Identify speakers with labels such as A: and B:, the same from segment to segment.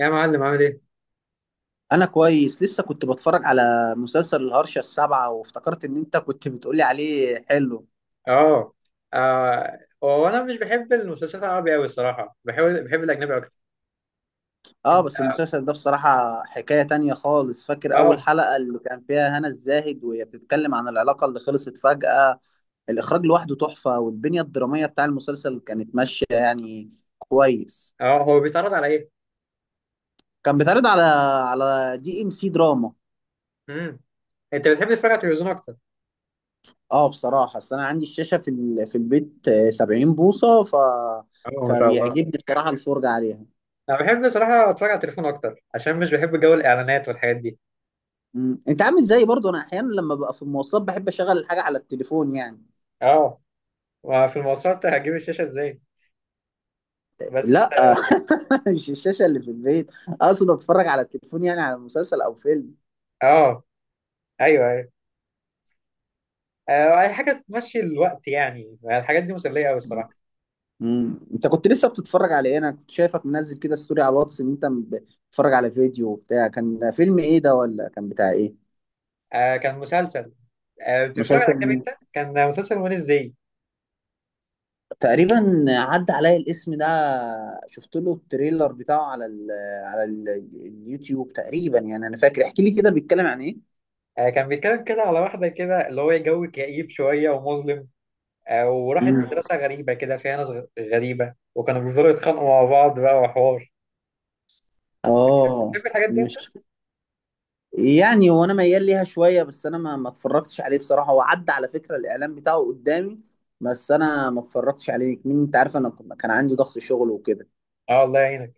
A: يا معلم عامل ايه؟
B: انا كويس. لسه كنت بتفرج على مسلسل الهرشة السابعة وافتكرت ان انت كنت بتقولي عليه حلو.
A: اه. آه، هو انا مش بحب المسلسلات العربي قوي الصراحه، بحب الاجنبي اكتر.
B: اه،
A: انت.
B: بس المسلسل ده بصراحة حكاية تانية خالص. فاكر اول
A: اه.
B: حلقة اللي كان فيها هنا الزاهد وهي بتتكلم عن العلاقة اللي خلصت فجأة. الاخراج لوحده تحفة، والبنية الدرامية بتاع المسلسل كانت ماشية يعني. كويس.
A: اه، هو بيتعرض على ايه؟
B: كان بيتعرض على دي ام سي دراما.
A: امم انت بتحب تتفرج على التلفزيون اكتر؟
B: اه، بصراحة اصل انا عندي الشاشة في البيت، 70 بوصة.
A: اه، ما شاء الله.
B: فبيعجبني بصراحة الفرجة عليها.
A: انا بحب صراحه اتفرج على التليفون اكتر، عشان مش بحب جو الاعلانات والحاجات دي.
B: مم. انت عامل زيي برضو. انا احيانا لما ببقى في المواصلات بحب اشغل الحاجه على التليفون يعني.
A: اه. وفي المواصلات هجيب الشاشه ازاي؟ بس.
B: لا، مش الشاشه اللي في البيت. اقصد اتفرج على التليفون، يعني على مسلسل او فيلم.
A: اه، ايوه ايوه. آه، اي حاجه تمشي الوقت، يعني الحاجات دي مسليه قوي الصراحه.
B: مم. انت كنت لسه بتتفرج على ايه؟ انا كنت شايفك منزل كده ستوري على الواتس ان انت بتتفرج على فيديو وبتاع. كان فيلم ايه ده ولا كان بتاع ايه؟
A: آه، كان مسلسل. آه، بتتفرج على
B: مسلسل
A: اجنبي
B: مين؟
A: انت؟ كان مسلسل وين ازاي؟
B: تقريبا عدى عليا الاسم ده. شفت له التريلر بتاعه على ال على ال اليوتيوب تقريبا يعني. انا فاكر، احكي لي كده بيتكلم عن ايه.
A: آه، كان بيتكلم كده على واحدة كده، اللي هو جو كئيب شوية ومظلم. آه، وراحت
B: مم.
A: مدرسة غريبة كده فيها ناس غريبة، وكانوا بيفضلوا يتخانقوا مع بعض بقى وحوار.
B: اه،
A: تحب الحاجات دي أنت؟
B: مش يعني هو انا ميال ليها شويه، بس انا ما اتفرجتش عليه بصراحه. هو عدى على فكره الاعلان بتاعه قدامي، بس انا ما اتفرجتش عليه. مين انت عارف، انا كان عندي ضغط شغل وكده.
A: أه، الله يعينك.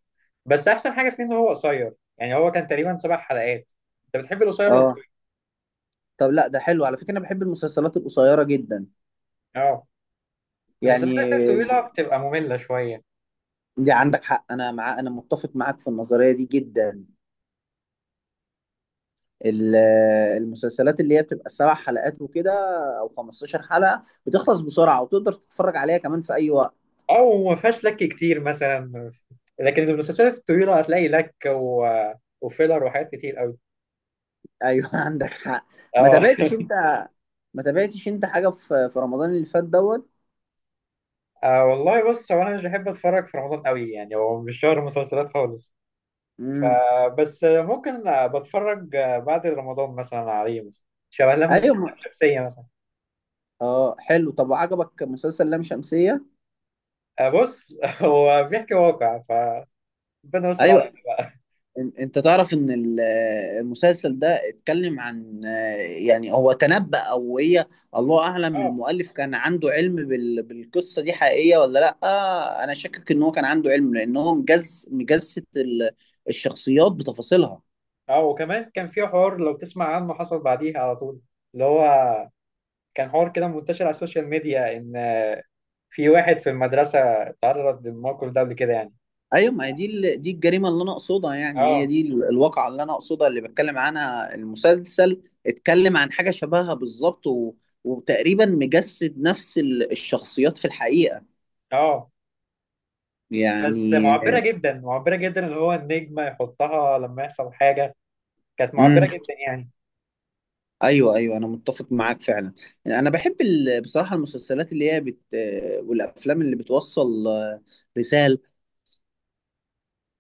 A: بس أحسن حاجة فيه إن هو قصير، يعني هو كان تقريبا 7 حلقات. أنت بتحب القصير ولا
B: اه،
A: الطويل؟
B: طب لا ده حلو على فكره. انا بحب المسلسلات القصيره جدا
A: أه. المسلسلات
B: يعني.
A: الطويلة بتبقى مملة شوية.
B: دي عندك حق. انا مع انا متفق معاك في النظريه دي جدا. ال- المسلسلات اللي هي بتبقى 7 حلقات وكده، او 15 حلقه، بتخلص بسرعه وتقدر تتفرج عليها كمان في اي وقت.
A: أو وما فيهاش لك كتير مثلا، لكن المسلسلات الطويلة هتلاقي لك و... وفيلر وحاجات كتير أوي.
B: ايوه، عندك حق. ما
A: أه
B: تابعتش انت ما تابعتش انت حاجه في رمضان اللي فات دوت؟
A: أه والله بص، هو انا مش بحب اتفرج في رمضان قوي، يعني هو مش شهر مسلسلات خالص.
B: امم.
A: فبس ممكن آه، بتفرج آه، بعد رمضان مثلا عليه مثلا. شبه لم لم
B: ايوه،
A: شمسية مثلا.
B: اه، حلو. طب عجبك مسلسل لام شمسيه؟
A: أه بص هو بيحكي واقع، فربنا يستر علينا
B: ايوه.
A: بقى.
B: انت تعرف ان المسلسل ده اتكلم عن، يعني هو تنبأ، او هي الله اعلم.
A: اه.
B: المؤلف كان عنده علم بالقصه دي حقيقيه ولا لا؟ انا شاكك ان هو كان عنده علم، لان هو مجسد الشخصيات بتفاصيلها.
A: اه، وكمان كان في حوار لو تسمع عنه، حصل بعديها على طول. اللي هو كان حوار كده منتشر على السوشيال ميديا، ان في واحد في المدرسة اتعرض للموقف ده قبل كده يعني.
B: ايوه، ما هي دي دي الجريمه اللي انا اقصدها. يعني هي
A: اه.
B: دي الواقعه اللي انا اقصدها اللي بتكلم عنها المسلسل. اتكلم عن حاجه شبهها بالظبط وتقريبا مجسد نفس الشخصيات في الحقيقه
A: اه، بس
B: يعني.
A: معبرة جدا معبرة جدا، اللي هو النجمة يحطها لما يحصل حاجة. كانت معبرة
B: امم.
A: جدا يعني.
B: ايوه ايوه، انا متفق معاك فعلا. انا بحب بصراحه المسلسلات اللي هي والافلام اللي بتوصل رساله.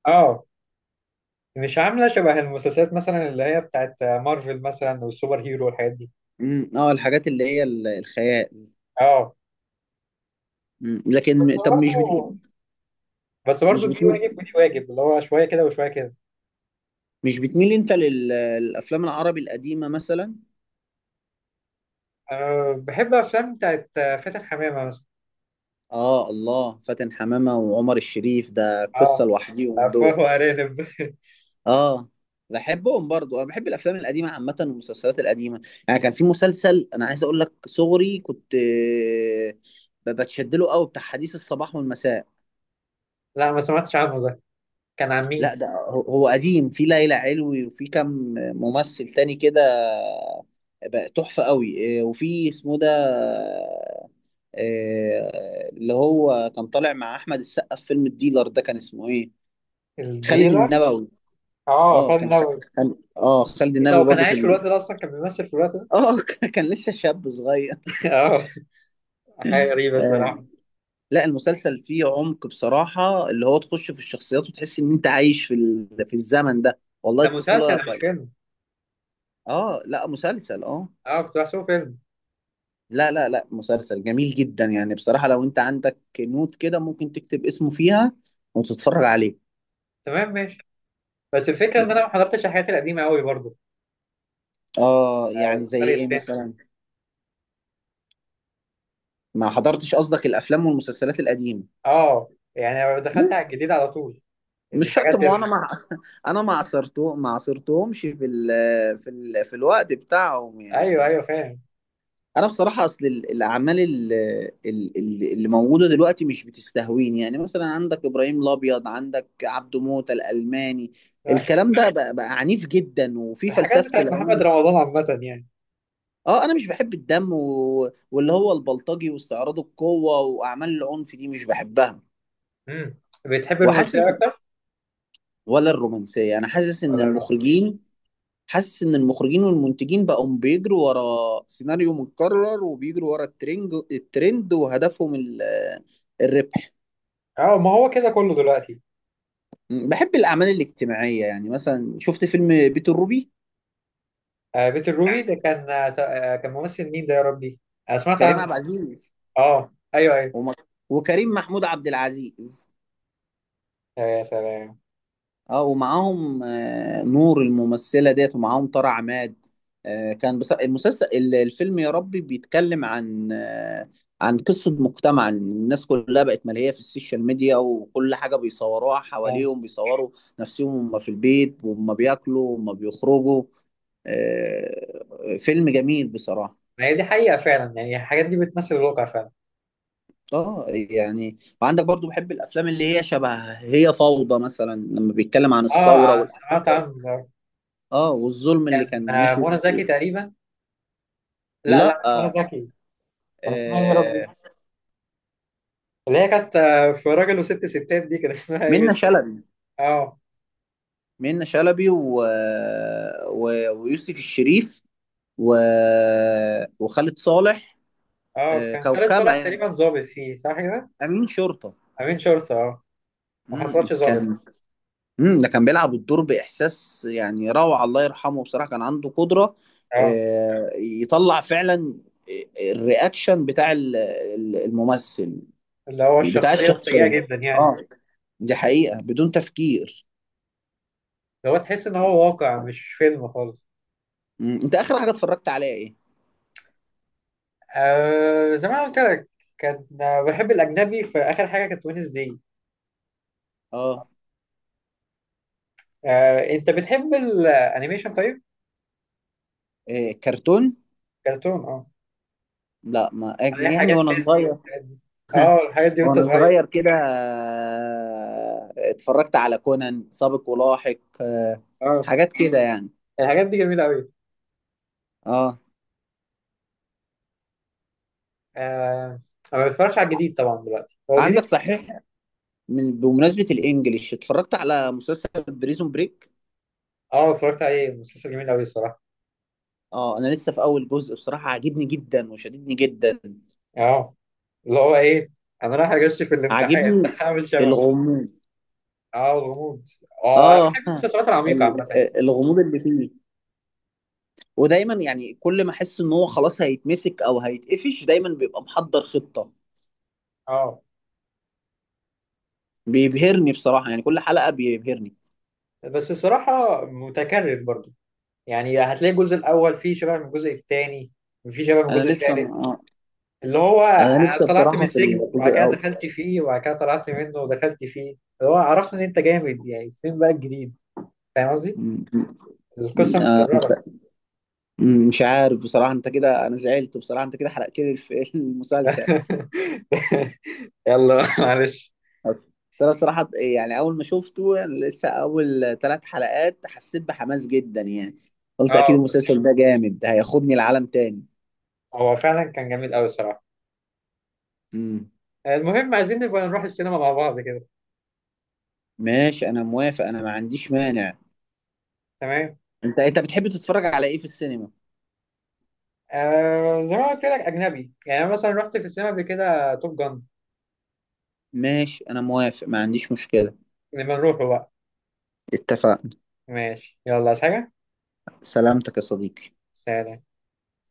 A: اه. مش عاملة شبه المسلسلات مثلا اللي هي بتاعت مارفل مثلا والسوبر هيرو والحاجات دي.
B: امم، اه، الحاجات اللي هي الخيال.
A: اه.
B: مم.
A: بس
B: لكن طب
A: برضه، بس برضه
B: مش
A: دي
B: بت...
A: واجب ودي واجب، اللي هو شوية كده وشوية كده.
B: مش بتميل انت للافلام العربي القديمه مثلا؟
A: أه، بحب أفلام بتاعت فاتن حمامة مثلا.
B: اه، الله، فاتن حمامة وعمر الشريف ده قصة
A: اه،
B: لوحديهم
A: أفواه
B: دول.
A: وأرانب
B: اه، بحبهم برضو. انا بحب الافلام القديمة عامة والمسلسلات القديمة. يعني كان في مسلسل انا عايز اقول لك، صغري كنت بتشد له قوي، بتاع حديث الصباح والمساء.
A: لا، ما سمعتش عنه ده. كان عن
B: لا،
A: مين؟
B: ده هو قديم. في ليلى علوي وفي كم ممثل تاني كده. بقى تحفة قوي. وفي اسمه ده، اللي هو كان طالع مع احمد السقا في فيلم الديلر. ده كان اسمه ايه؟ خالد
A: الديلر.
B: النبوي.
A: اه،
B: اه،
A: فن نوي.
B: كان خالد
A: ايه ده، هو
B: النبوي
A: كان
B: برضو في
A: عايش في الوقت
B: ال...
A: ده أصلا؟ كان بيمثل في الوقت ده؟
B: اه، كان لسه شاب صغير.
A: اه. حاجة غريبة
B: آه.
A: الصراحة.
B: لا، المسلسل فيه عمق بصراحة، اللي هو تخش في الشخصيات وتحس ان انت عايش في الزمن ده، والله
A: ده
B: الطفولة.
A: مسلسل مش فيلم؟
B: اه، لا مسلسل، اه.
A: اه، كنت بحسبه فيلم.
B: لا لا لا، مسلسل جميل جدا يعني بصراحة. لو انت عندك نوت كده ممكن تكتب اسمه فيها وتتفرج عليه.
A: تمام ماشي. بس الفكره ان انا ما حضرتش الحاجات القديمه قوي برضو.
B: اه،
A: آه،
B: يعني زي
A: فرق
B: ايه
A: السن.
B: مثلا؟ ما حضرتش قصدك الافلام والمسلسلات القديمة.
A: اه. يعني أنا دخلت على الجديد على طول.
B: مش شرط،
A: الحاجات
B: ما هو انا
A: ال...
B: مع. انا ما عصرتهمش في الوقت بتاعهم
A: ايوه
B: يعني.
A: ايوه فاهم.
B: انا بصراحه اصل الاعمال اللي موجوده دلوقتي مش بتستهويني. يعني مثلا عندك ابراهيم الابيض، عندك عبده موته الالماني. الكلام ده بقى عنيف جدا، وفي
A: الحاجات
B: فلسفه
A: بتاعت محمد
B: العنف.
A: رمضان عامه يعني.
B: اه، انا مش بحب الدم واللي هو البلطجي واستعراض القوه واعمال العنف دي مش بحبها.
A: امم بتحب الرومانسيه
B: وحاسس
A: اكتر
B: ولا الرومانسيه. انا حاسس ان
A: ولا الرومانسيه؟
B: المخرجين. حاسس ان المخرجين والمنتجين بقوا بيجروا ورا سيناريو متكرر، وبيجروا ورا الترند، وهدفهم الربح.
A: اه، ما هو كده كله دلوقتي.
B: بحب الاعمال الاجتماعيه. يعني مثلا شفت فيلم بيت الروبي.
A: آه، بيت الروبي ده كان آه آه، كان ممثل مين ده يا ربي؟ انا سمعت
B: كريم
A: عنه.
B: عبد العزيز
A: اه ايوه ايوه.
B: وم- وكريم محمود عبد العزيز.
A: آه، يا سلام.
B: اه، ومعاهم نور الممثلة ديت، ومعاهم طارق عماد. كان بس المسلسل الفيلم يا ربي بيتكلم عن، عن قصة مجتمع، إن الناس كلها بقت ملهية في السوشيال ميديا، وكل حاجة بيصوروها
A: آه.
B: حواليهم، بيصوروا نفسهم وهم في البيت وهم بياكلوا وهم بيخرجوا. فيلم جميل بصراحة.
A: ما هي دي حقيقه فعلا، يعني الحاجات دي بتمثل الواقع فعلا.
B: اه، يعني وعندك برضو، بحب الافلام اللي هي شبه هي فوضى مثلا، لما بيتكلم عن
A: اه،
B: الثورة
A: سمعت عنه
B: والاحداث،
A: ده.
B: اه، والظلم اللي
A: كان
B: كان
A: آه،
B: ماشي
A: منى زكي
B: في.
A: تقريبا. لا
B: لا،
A: لا، مش منى
B: آه،
A: زكي. كان اسمها ايه يا ربي؟ اللي هي كانت آه، في راجل وست ستات، دي كان اسمها ايه
B: منة
A: مش فاكر.
B: شلبي.
A: اه.
B: منة شلبي و... ويوسف الشريف و... وخالد صالح.
A: اه،
B: آه،
A: كان خالد
B: كوكبة
A: صالح
B: يعني.
A: تقريبا ظابط فيه، صح كده؟
B: أمين شرطة.
A: امين شرطة. اه. ما
B: مم.
A: حصلش ظابط.
B: كان. مم. ده كان بيلعب الدور بإحساس، يعني روعة. الله يرحمه، بصراحة كان عنده قدرة
A: اه،
B: يطلع فعلا الرياكشن بتاع الممثل،
A: اللي هو
B: بتاع
A: الشخصية السيئة
B: الشخصية.
A: جدا يعني.
B: اه، دي حقيقة بدون تفكير.
A: اللي هو تحس ان هو واقع مش فيلم خالص.
B: مم. انت اخر حاجه اتفرجت عليها ايه؟
A: آه زي ما أنا قلت لك. كان آه، بحب الاجنبي، في اخر حاجة كانت وينز دي.
B: اه.
A: آه، انت بتحب الانيميشن طيب؟
B: إيه كرتون؟
A: كرتون آه.
B: لا، ما،
A: عليها
B: يعني
A: حاجات
B: وانا
A: ديزني
B: صغير.
A: والحاجات دي. اه، الحاجات دي وانت
B: وانا
A: صغير.
B: صغير كده، اتفرجت على كونان سابق ولاحق،
A: اه،
B: حاجات كده يعني.
A: الحاجات دي جميله قوي.
B: اه،
A: آه. انا ما بتفرجش على الجديد طبعا دلوقتي، هو جديد.
B: عندك صحيح. بمناسبه الانجليش اتفرجت على مسلسل بريزون بريك.
A: اه، اتفرجت عليه، مسلسل جميل قوي الصراحه.
B: اه، انا لسه في اول جزء بصراحه، عاجبني جدا وشددني جدا.
A: اه، اللي هو ايه، انا رايح اغش في الامتحان
B: عاجبني
A: هعمل شباب.
B: الغموض.
A: اه، الغموض. اه، انا
B: اه،
A: بحب المسلسلات العميقه عامه يعني.
B: الغموض اللي فيه. ودايما يعني كل ما احس ان هو خلاص هيتمسك او هيتقفش، دايما بيبقى محضر خطة.
A: اه
B: بيبهرني بصراحة، يعني كل حلقة بيبهرني.
A: بس الصراحه متكرر برضو، يعني هتلاقي الجزء الاول فيه شبه من الجزء الثاني، وفيه شبه من
B: انا
A: الجزء
B: لسه
A: الثالث.
B: ما...
A: اللي هو
B: انا
A: أنا
B: لسه
A: طلعت من
B: بصراحة في
A: السجن
B: الجزء
A: وبعد كده
B: الاول.
A: دخلت فيه وبعد كده طلعت منه ودخلت فيه. اللي هو عرفنا ان انت جامد، يعني فين بقى الجديد؟ فاهم قصدي؟
B: م- م-
A: القصة
B: آه،
A: متكررة.
B: مش عارف بصراحة. انت كده انا زعلت بصراحة، انت كده حرقت لي المسلسل.
A: يلا معلش.
B: بس انا بصراحة، يعني اول ما شفته، يعني لسه اول 3 حلقات، حسيت بحماس جدا يعني. قلت اكيد
A: اه بس
B: المسلسل ده جامد، ده هياخدني لعالم تاني.
A: هو فعلا كان جميل قوي الصراحة.
B: مم.
A: المهم عايزين نبقى نروح السينما مع بعض كده.
B: ماشي انا موافق، انا ما عنديش مانع.
A: تمام.
B: انت بتحب تتفرج على ايه في السينما؟
A: آه زي ما قلت لك أجنبي، يعني أنا مثلا رحت في السينما قبل كده توب جان.
B: ماشي انا موافق، ما عنديش مشكلة.
A: لما نروحه بقى.
B: اتفقنا.
A: ماشي يلا، عايز حاجة؟
B: سلامتك يا صديقي.
A: سلام.